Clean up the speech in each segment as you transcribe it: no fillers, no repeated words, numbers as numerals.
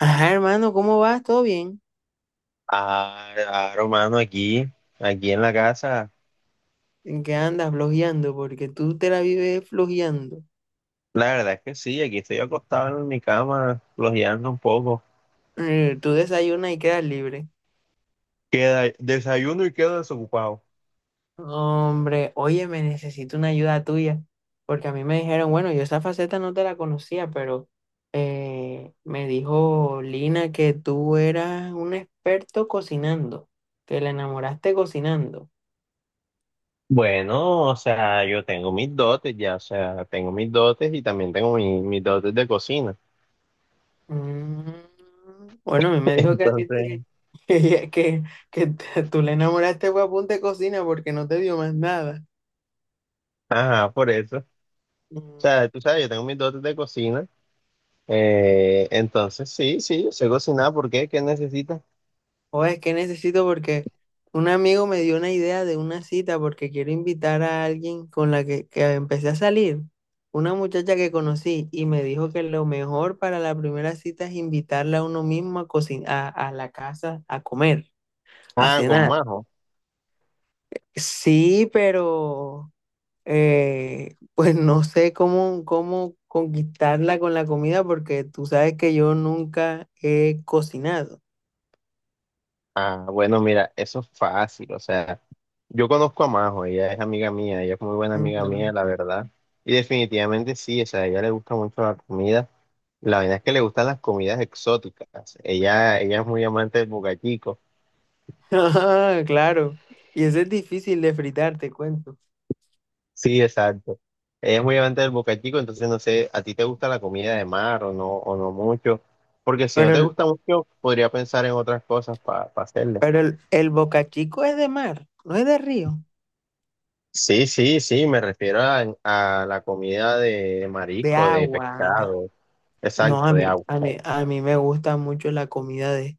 Ajá, hermano, ¿cómo vas? ¿Todo bien? Ah, claro, mano, aquí en la casa. ¿En qué andas flojeando? Porque tú te la vives flojeando. La verdad es que sí, aquí estoy acostado en mi cama, flojeando un poco. Tú desayunas y quedas libre. Queda, desayuno y quedo desocupado. Hombre, oye, me necesito una ayuda tuya. Porque a mí me dijeron, bueno, yo esa faceta no te la conocía, pero me dijo Lina que tú eras un experto cocinando, que la enamoraste cocinando. Bueno, o sea, yo tengo mis dotes ya, o sea, tengo mis dotes y también tengo mis dotes de cocina. Mm. Bueno, a mí me dijo que a ti Entonces, te- que, que, que tú le enamoraste fue a punta de cocina porque no te dio más nada. ajá, por eso. O Mm. sea, tú sabes, yo tengo mis dotes de cocina. Entonces, sí, sí, yo sé cocinar. ¿Por qué? ¿Qué necesitas? O es que necesito porque un amigo me dio una idea de una cita porque quiero invitar a alguien con la que empecé a salir, una muchacha que conocí y me dijo que lo mejor para la primera cita es invitarla a uno mismo a cocinar, a la casa a comer, a Ah, con cenar. Majo. Sí, pero pues no sé cómo conquistarla con la comida porque tú sabes que yo nunca he cocinado. Ah, bueno, mira, eso es fácil, o sea. Yo conozco a Majo, ella es amiga mía, ella es muy buena amiga Ujú. mía, la verdad. Y definitivamente sí, o sea, a ella le gusta mucho la comida. La verdad es que le gustan las comidas exóticas. Ella es muy amante del bocachico. Ah, claro. Y eso es difícil de fritar, te cuento. Sí, exacto. Ella es muy amante del bocachico, entonces no sé, ¿a ti te gusta la comida de mar o no mucho? Porque si no Pero, te el- gusta mucho, podría pensar en otras cosas para hacerle. pero el bocachico es de mar, no es de río, Sí, sí, sí, me refiero a la comida de de marisco, de agua. pescado, No, a exacto, mí, de agua. a mí, a mí me gusta mucho la comida de,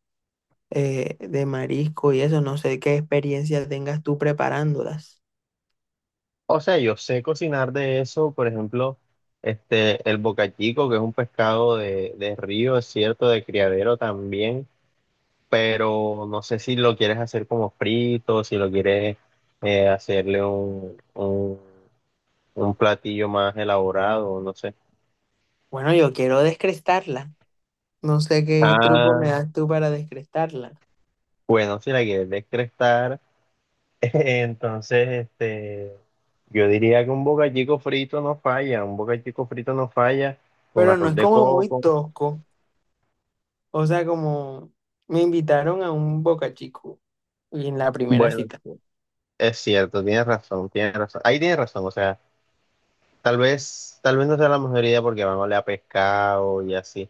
eh, de marisco y eso. No sé qué experiencia tengas tú preparándolas. O sea, yo sé cocinar de eso, por ejemplo, este, el bocachico, que es un pescado de, río, es cierto, de criadero también, pero no sé si lo quieres hacer como frito, si lo quieres hacerle un platillo más elaborado, no sé. Bueno, yo quiero descrestarla. No sé qué truco Ah, me das tú para descrestarla. bueno, si la quieres descrestar, entonces, este, yo diría que un bocachico frito no falla, un bocachico frito no falla con Pero no arroz es de como muy coco. tosco. O sea, como me invitaron a un Boca Chico y en la primera Bueno. cita. Es cierto, tienes razón, tienes razón. Ahí tienes razón, o sea, tal vez no sea la mejor idea porque van a oler a pescado y así.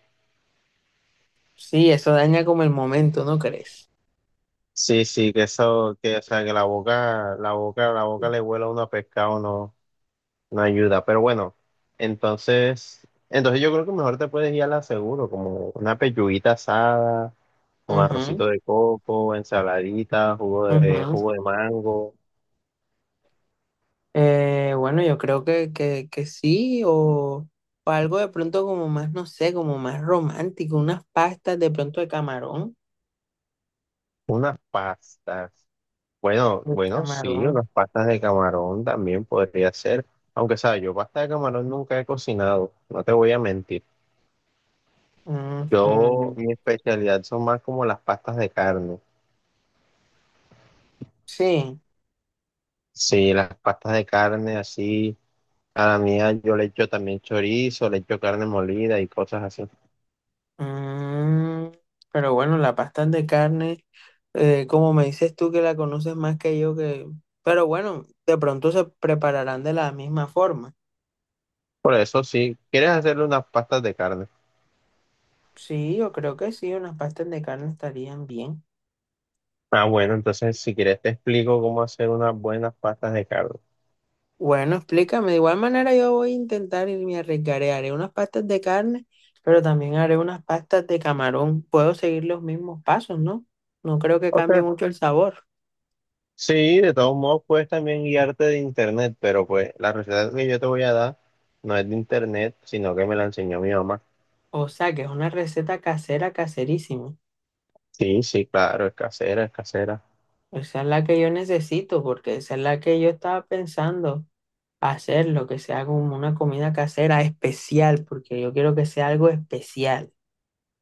Sí, eso daña como el momento, ¿no crees? Sí, sí, que eso, que, o sea, que la boca le huela a uno a pescado no, no ayuda. Pero bueno, entonces yo creo que mejor te puedes ir a la seguro, como una pechuguita asada, con arrocito de coco, ensaladita, jugo Ujú, de, ujú. jugo de mango, Bueno, yo creo que sí, o algo de pronto como más, no sé, como más romántico, unas pastas de pronto de camarón. unas pastas. Bueno, De bueno, sí, camarón. unas pastas de camarón también podría ser, aunque sabes, yo pasta de camarón nunca he cocinado, no te voy a mentir. Yo, Ujú. mi especialidad son más como las pastas de carne. Sí. Sí, las pastas de carne así, a la mía yo le echo también chorizo, le echo carne molida y cosas así. mm, pero bueno, la pasta de carne. Como me dices tú que la conoces más que yo, que. Pero bueno, de pronto se prepararán de la misma forma. Por eso sí, ¿quieres hacerle unas pastas de carne? Sí, yo creo que sí, unas pastas de carne estarían bien. Ah, bueno, entonces si quieres te explico cómo hacer unas buenas pastas de carne. Bueno, explícame, de igual manera yo voy a intentar y me arriesgaré, haré unas pastas de carne, pero también haré unas pastas de camarón. Puedo seguir los mismos pasos, ¿no? No creo que Ok, cambie mucho el sabor. sí, de todos modos puedes también guiarte de internet, pero pues la receta que yo te voy a dar no es de internet, sino que me la enseñó mi mamá. O sea, que es una receta casera, caserísima. Sí, sí, claro, es casera, es casera. Esa es la que yo necesito, porque esa es la que yo estaba pensando, hacer lo que sea como una comida casera especial, porque yo quiero que sea algo especial.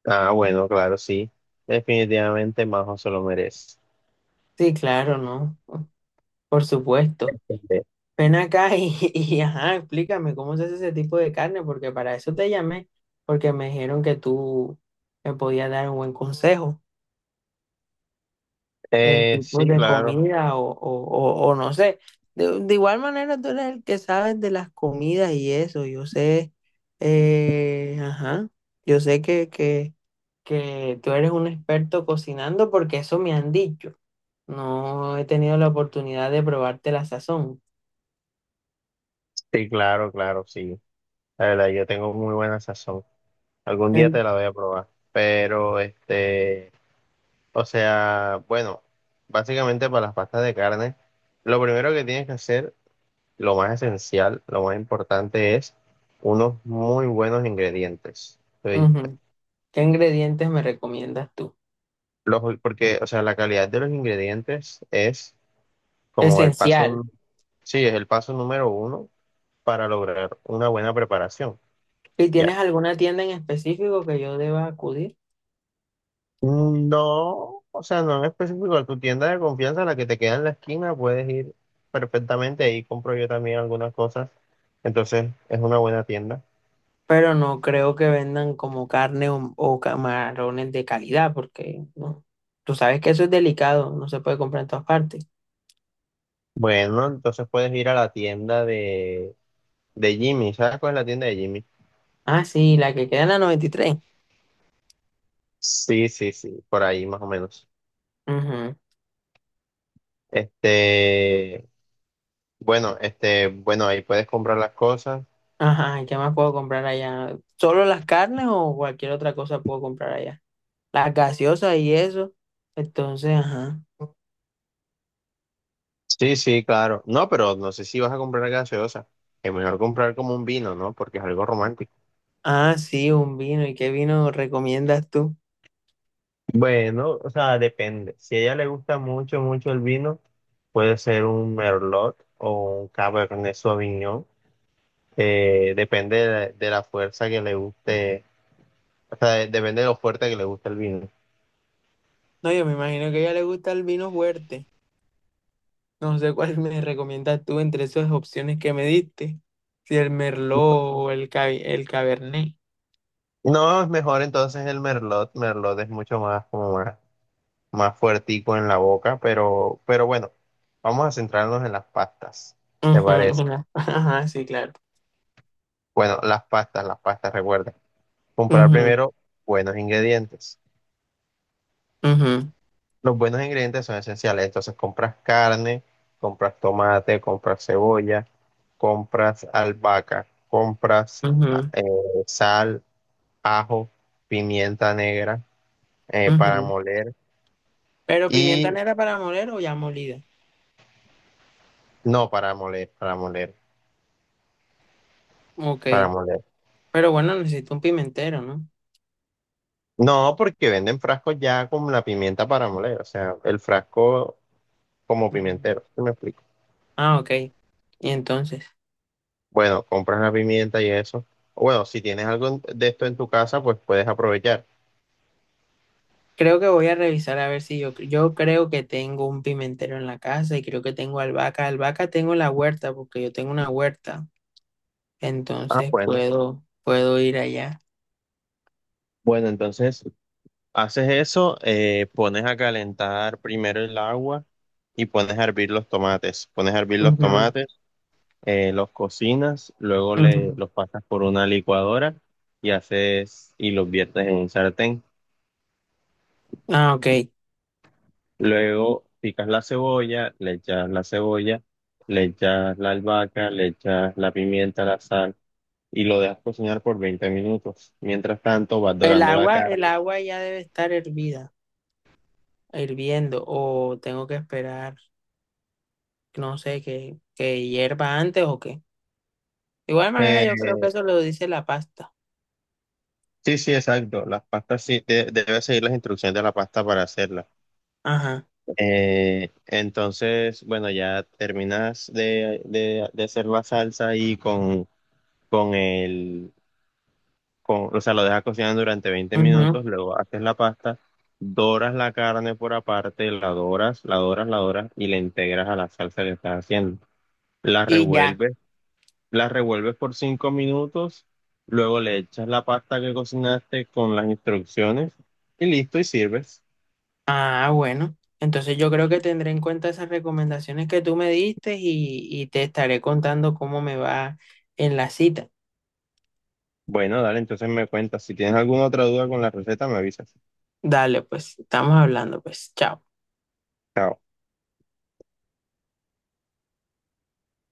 Ah, bueno, claro, sí. Definitivamente Majo se lo merece. Sí, claro, ¿no? Por supuesto. Ven acá y, y, ajá, explícame cómo se hace ese tipo de carne, porque para eso te llamé, porque me dijeron que tú me podías dar un buen consejo. En tipos Sí, de claro, comida o no sé. De igual manera tú eres el que sabes de las comidas y eso. Yo sé, ajá, yo sé que tú eres un experto cocinando porque eso me han dicho. No he tenido la oportunidad de probarte la sazón. sí, claro, claro, sí. La verdad, yo tengo muy buena sazón. Algún día te En- la voy a probar. Pero, este, o sea, bueno, básicamente para las pastas de carne, lo primero que tienes que hacer. Lo más esencial, lo más importante es unos muy buenos ingredientes. Oí. Ujú. ¿Qué ingredientes me recomiendas tú? Porque, o sea, la calidad de los ingredientes es como el Esencial. paso, sí, es el paso número uno para lograr una buena preparación. ¿Y Ya. tienes alguna tienda en específico que yo deba acudir? No, o sea, no en específico, a tu tienda de confianza, la que te queda en la esquina, puedes ir perfectamente. Ahí compro yo también algunas cosas. Entonces, es una buena tienda. Pero no creo que vendan como carne o camarones de calidad, porque no, tú sabes que eso es delicado, no se puede comprar en todas partes. Bueno, entonces puedes ir a la tienda de De Jimmy, ¿sabes cuál es la tienda de Jimmy? Ah, sí, la que queda en la 93. Sí, sí, sí, por ahí más o menos. Ujú. Este, bueno, este, bueno, ahí puedes comprar las cosas. Ajá, ¿y qué más puedo comprar allá? ¿Solo las carnes o cualquier otra cosa puedo comprar allá? Las gaseosas y eso. Entonces, ajá. Sí, sí, claro. No, pero no sé si vas a comprar gaseosa. Es mejor comprar como un vino, ¿no? Porque es algo romántico. Ah, sí, un vino. ¿Y qué vino recomiendas tú? Bueno, o sea, depende. Si a ella le gusta mucho, mucho el vino, puede ser un Merlot o un Cabernet Sauvignon. Depende de la, fuerza que le guste, o sea, depende de lo fuerte que le guste el vino. No, yo me imagino que a ella le gusta el vino fuerte. No sé cuál me recomiendas tú entre esas opciones que me diste. Si el Merlot o el Cabernet. No, es mejor entonces el Merlot. Merlot es mucho más, como más fuertico en la boca, pero bueno, vamos a centrarnos en las pastas, ¿te Ujú, parece? ujú. Ajá, sí, claro. Bueno, las pastas, recuerda. Comprar Ujú, primero buenos ingredientes. ujú, Los buenos ingredientes son esenciales. Entonces compras carne, compras tomate, compras cebolla, compras albahaca, compras ujú, eh, sal, ajo, pimienta negra para ujú. moler. Pero pimienta negra para moler o ya molida. No, para moler, para moler, Ok. para moler. Pero bueno, necesito un pimentero, ¿no? No, porque venden frascos ya con la pimienta para moler, o sea, el frasco como Mm. pimentero, ¿sí me explico? Ah, ok. Y entonces, Bueno, compras la pimienta y eso. Bueno, si tienes algo de esto en tu casa, pues puedes aprovechar. creo que voy a revisar a ver si yo creo que tengo un pimentero en la casa y creo que tengo albahaca. Albahaca tengo en la huerta porque yo tengo una huerta. Ah, Entonces bueno. puedo ir allá. Bueno, entonces haces eso, pones a calentar primero el agua y pones a hervir los tomates. Pones a hervir los Ujú, tomates, los cocinas, luego le, ujú. los pasas por una licuadora y haces y los viertes en un sartén. Ah, ok. Luego picas la cebolla, le echas la cebolla, le echas la albahaca, le echas la pimienta, la sal y lo dejas cocinar por 20 minutos. Mientras tanto, vas El dorando la agua, carne. el agua ya debe estar hervida, hirviendo, o tengo que esperar, no sé, que hierva antes o qué. De igual manera, Eh, yo creo que eso lo dice la pasta. sí, sí, exacto. Las pastas sí, debes seguir las instrucciones de la pasta para hacerla. Ajá. Entonces, bueno, ya terminas de, de hacer la salsa y con el, o sea, lo dejas cocinar durante veinte Ujú. minutos, luego haces la pasta, doras la carne por aparte, la doras, la doras, la doras y la integras a la salsa que estás haciendo. La Y ya. revuelves, la revuelves por 5 minutos, luego le echas la pasta que cocinaste con las instrucciones y listo y sirves. Ah, bueno. Entonces yo creo que tendré en cuenta esas recomendaciones que tú me diste y te estaré contando cómo me va en la cita. Bueno, dale, entonces me cuentas. Si tienes alguna otra duda con la receta, me avisas. Dale, pues, estamos hablando, pues, chao. Chao.